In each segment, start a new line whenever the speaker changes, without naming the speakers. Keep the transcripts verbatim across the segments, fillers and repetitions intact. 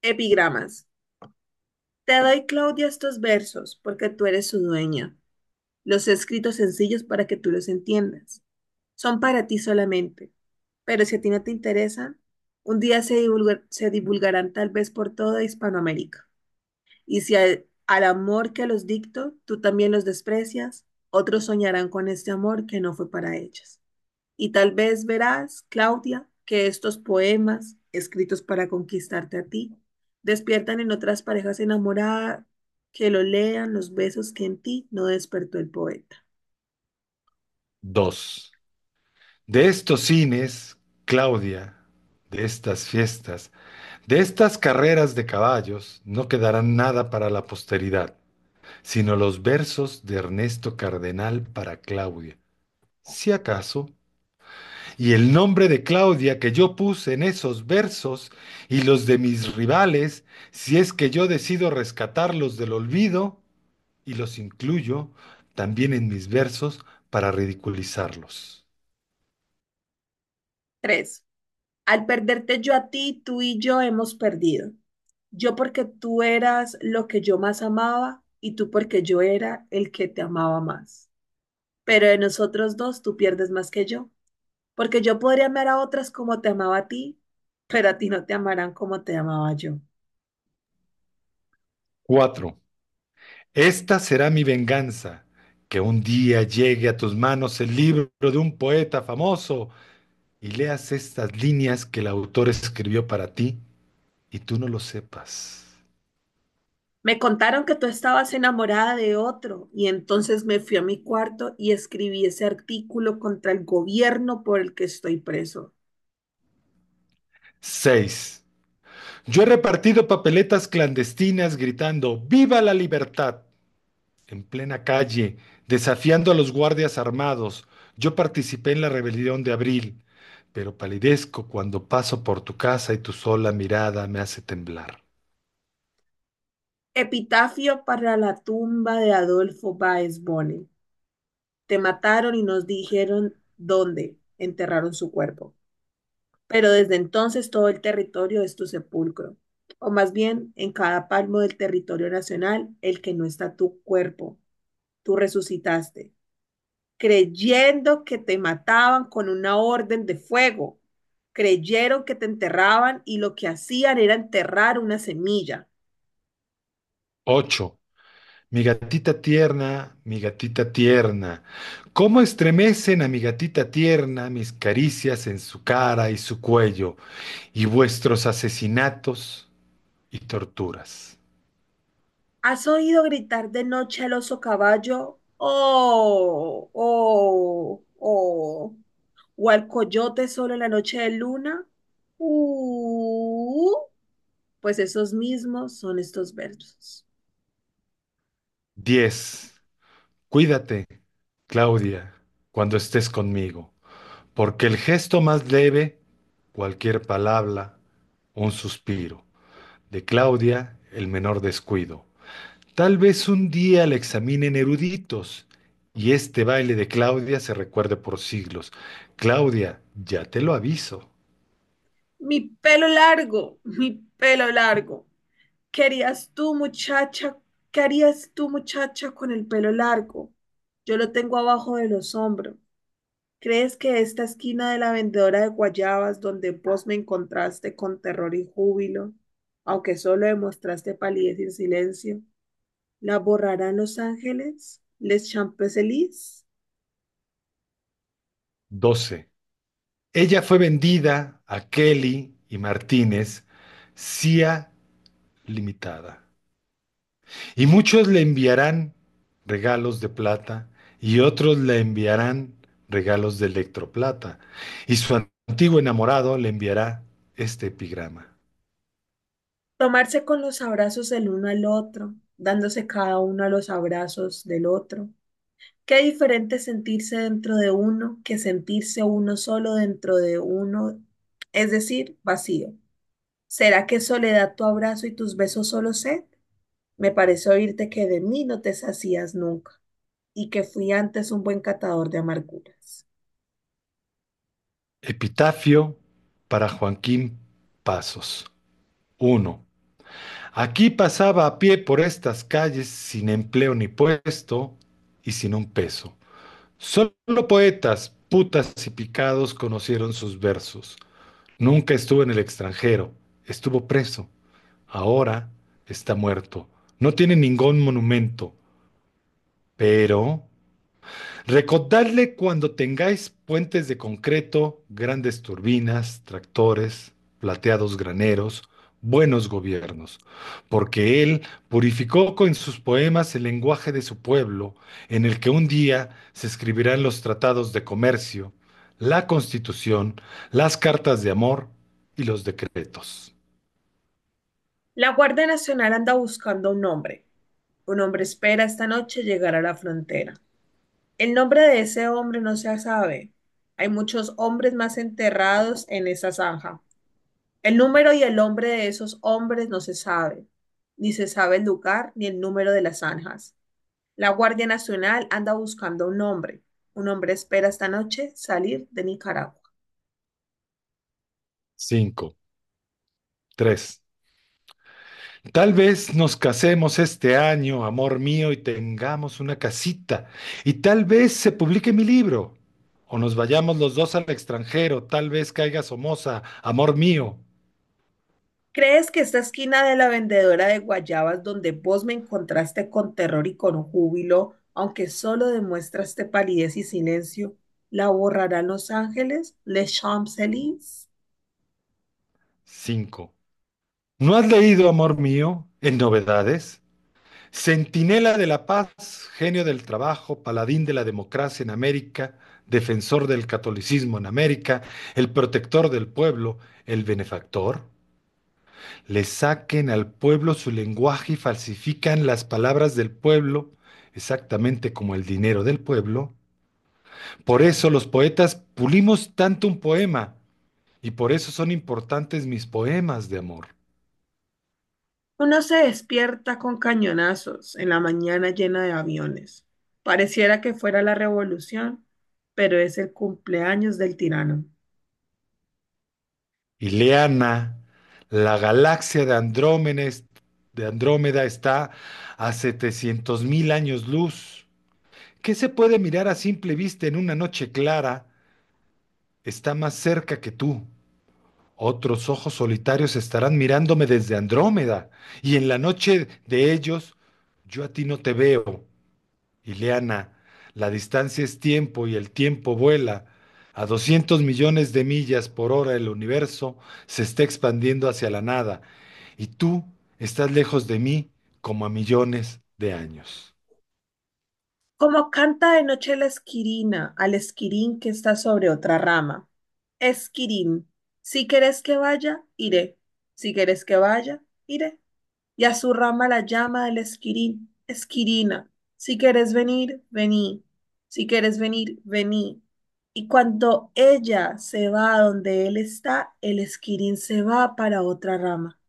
Epigramas. Te doy, Claudia, estos versos porque tú eres su dueña. Los he escrito sencillos para que tú los entiendas. Son para ti solamente, pero si a ti no te interesan, un día se, divulgar- se divulgarán tal vez por toda Hispanoamérica. Y si al, al amor que los dicto tú también los desprecias, otros soñarán con este amor que no fue para ellos. Y tal vez verás, Claudia, que estos poemas, escritos para conquistarte a ti, despiertan en otras parejas enamoradas que lo lean los besos que en ti no despertó el poeta.
Dos. De estos cines, Claudia, de estas fiestas, de estas carreras de caballos, no quedará nada para la posteridad, sino los versos de Ernesto Cardenal para Claudia, si acaso, y el nombre de Claudia que yo puse en esos versos y los de mis rivales, si es que yo decido rescatarlos del olvido y los incluyo también en mis versos para ridiculizarlos.
Tres. Al perderte yo a ti, tú y yo hemos perdido. Yo porque tú eras lo que yo más amaba y tú porque yo era el que te amaba más. Pero de nosotros dos tú pierdes más que yo, porque yo podría amar a otras como te amaba a ti, pero a ti no te amarán como te amaba yo.
Cuatro. Esta será mi venganza, que un día llegue a tus manos el libro de un poeta famoso y leas estas líneas que el autor escribió para ti y tú no lo sepas.
Me contaron que tú estabas enamorada de otro y entonces me fui a mi cuarto y escribí ese artículo contra el gobierno por el que estoy preso.
Seis. Yo he repartido papeletas clandestinas gritando ¡Viva la libertad! En plena calle, desafiando a los guardias armados. Yo participé en la rebelión de abril, pero palidezco cuando paso por tu casa y tu sola mirada me hace temblar.
Epitafio para la tumba de Adolfo Baez Bonnell. Te mataron y nos dijeron dónde enterraron su cuerpo. Pero desde entonces todo el territorio es tu sepulcro. O más bien, en cada palmo del territorio nacional, el que no está tu cuerpo, tú resucitaste, creyendo que te mataban con una orden de fuego. Creyeron que te enterraban y lo que hacían era enterrar una semilla.
Ocho. Mi gatita tierna, mi gatita tierna, cómo estremecen a mi gatita tierna mis caricias en su cara y su cuello, y vuestros asesinatos y torturas.
¿Has oído gritar de noche al oso caballo? Oh, oh, oh. O al coyote solo en la noche de luna, uh, pues esos mismos son estos versos.
Diez, cuídate, Claudia, cuando estés conmigo, porque el gesto más leve, cualquier palabra, un suspiro, de Claudia, el menor descuido. Tal vez un día la examinen eruditos y este baile de Claudia se recuerde por siglos. Claudia, ya te lo aviso.
Mi pelo largo, mi pelo largo. ¿Qué harías tú, muchacha? ¿Qué harías tú, muchacha, con el pelo largo? Yo lo tengo abajo de los hombros. ¿Crees que esta esquina de la vendedora de guayabas, donde vos me encontraste con terror y júbilo, aunque solo demostraste palidez y silencio, la borrarán los ángeles, les Champs-Élysées,
Doce. Ella fue vendida a Kelly y Martínez, C I A Limitada. Y muchos le enviarán regalos de plata y otros le enviarán regalos de electroplata. Y su antiguo enamorado le enviará este epigrama.
tomarse con los abrazos el uno al otro, dándose cada uno a los abrazos del otro? Qué diferente sentirse dentro de uno que sentirse uno solo dentro de uno, es decir, vacío. ¿Será que soledad tu abrazo y tus besos solo sed? Me pareció oírte que de mí no te sacías nunca y que fui antes un buen catador de amarguras.
Epitafio para Joaquín Pasos. Uno. Aquí pasaba a pie por estas calles sin empleo ni puesto y sin un peso. Solo poetas, putas y picados conocieron sus versos. Nunca estuvo en el extranjero, estuvo preso. Ahora está muerto. No tiene ningún monumento, pero recordadle cuando tengáis puentes de concreto, grandes turbinas, tractores, plateados graneros, buenos gobiernos, porque él purificó con sus poemas el lenguaje de su pueblo, en el que un día se escribirán los tratados de comercio, la constitución, las cartas de amor y los decretos.
La Guardia Nacional anda buscando a un hombre. Un hombre espera esta noche llegar a la frontera. El nombre de ese hombre no se sabe. Hay muchos hombres más enterrados en esa zanja. El número y el nombre de esos hombres no se sabe. Ni se sabe el lugar ni el número de las zanjas. La Guardia Nacional anda buscando un hombre. Un hombre espera esta noche salir de Nicaragua.
cinco, tres, tal vez nos casemos este año, amor mío, y tengamos una casita. Y tal vez se publique mi libro. O nos vayamos los dos al extranjero. Tal vez caiga Somoza, amor mío.
¿Crees que esta esquina de la vendedora de guayabas donde vos me encontraste con terror y con júbilo, aunque solo demuestraste palidez y silencio, la borrarán los ángeles, les Champs-Élysées?
Cinco. ¿No has leído, amor mío, en novedades? Centinela de la paz, genio del trabajo, paladín de la democracia en América, defensor del catolicismo en América, el protector del pueblo, el benefactor. Le saquen al pueblo su lenguaje y falsifican las palabras del pueblo, exactamente como el dinero del pueblo. Por eso los poetas pulimos tanto un poema y por eso son importantes mis poemas de amor.
Uno se despierta con cañonazos en la mañana llena de aviones. Pareciera que fuera la revolución, pero es el cumpleaños del tirano.
Ileana, la galaxia de Andrómeda, de Andrómeda está a setecientos mil años luz. ¿Qué se puede mirar a simple vista en una noche clara? Está más cerca que tú. Otros ojos solitarios estarán mirándome desde Andrómeda, y en la noche de ellos yo a ti no te veo, Ileana. La distancia es tiempo y el tiempo vuela. A doscientos millones de millas por hora el universo se está expandiendo hacia la nada, y tú estás lejos de mí como a millones de años.
Como canta de noche la esquirina al esquirín que está sobre otra rama. Esquirín, si querés que vaya, iré. Si querés que vaya, iré. Y a su rama la llama el esquirín. Esquirina, si querés venir, vení. Si querés venir, vení. Y cuando ella se va a donde él está, el esquirín se va para otra rama.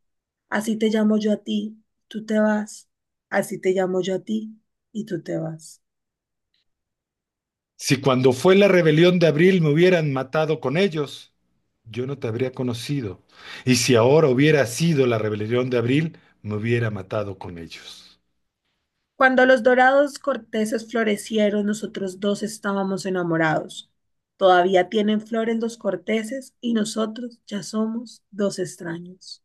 Así te llamo yo a ti, tú te vas. Así te llamo yo a ti, y tú te vas.
Si cuando fue la rebelión de abril me hubieran matado con ellos, yo no te habría conocido. Y si ahora hubiera sido la rebelión de abril, me hubiera matado con ellos.
Cuando los dorados corteses florecieron, nosotros dos estábamos enamorados. Todavía tienen flores los corteses y nosotros ya somos dos extraños.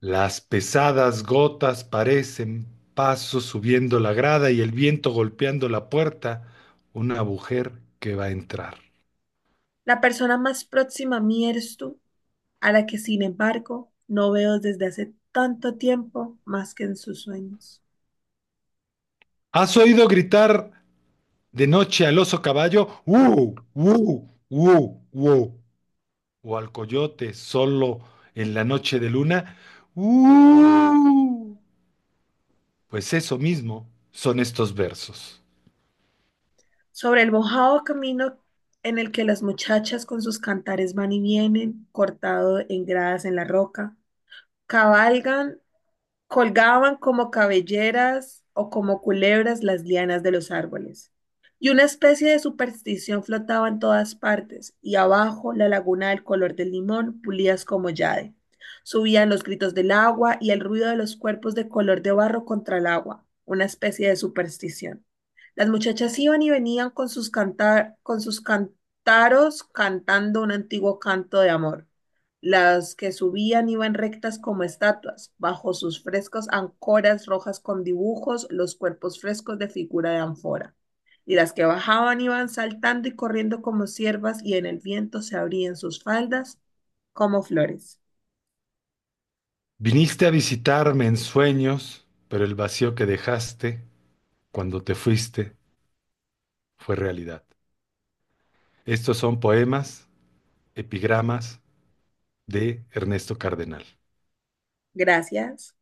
Las pesadas gotas parecen pasos subiendo la grada y el viento golpeando la puerta, una mujer que va a entrar.
La persona más próxima a mí eres tú, a la que sin embargo no veo desde hace tanto tiempo más que en sus sueños.
¿Has oído gritar de noche al oso caballo? ¡Uh! ¡Uh! ¡Uh! ¡Uh! ¡Uh! O al coyote solo en la noche de luna. ¡Uh! Pues eso mismo son estos versos.
Sobre el mojado camino en el que las muchachas con sus cantares van y vienen, cortado en gradas en la roca, cabalgan. Colgaban como cabelleras o como culebras las lianas de los árboles. Y una especie de superstición flotaba en todas partes, y abajo la laguna del color del limón pulías como jade. Subían los gritos del agua y el ruido de los cuerpos de color de barro contra el agua, una especie de superstición. Las muchachas iban y venían con sus cantar, con sus cantaros cantando un antiguo canto de amor. Las que subían iban rectas como estatuas, bajo sus frescos ancoras rojas con dibujos, los cuerpos frescos de figura de ánfora. Y las que bajaban iban saltando y corriendo como ciervas, y en el viento se abrían sus faldas como flores.
Viniste a visitarme en sueños, pero el vacío que dejaste cuando te fuiste fue realidad. Estos son poemas, epigramas de Ernesto Cardenal.
Gracias.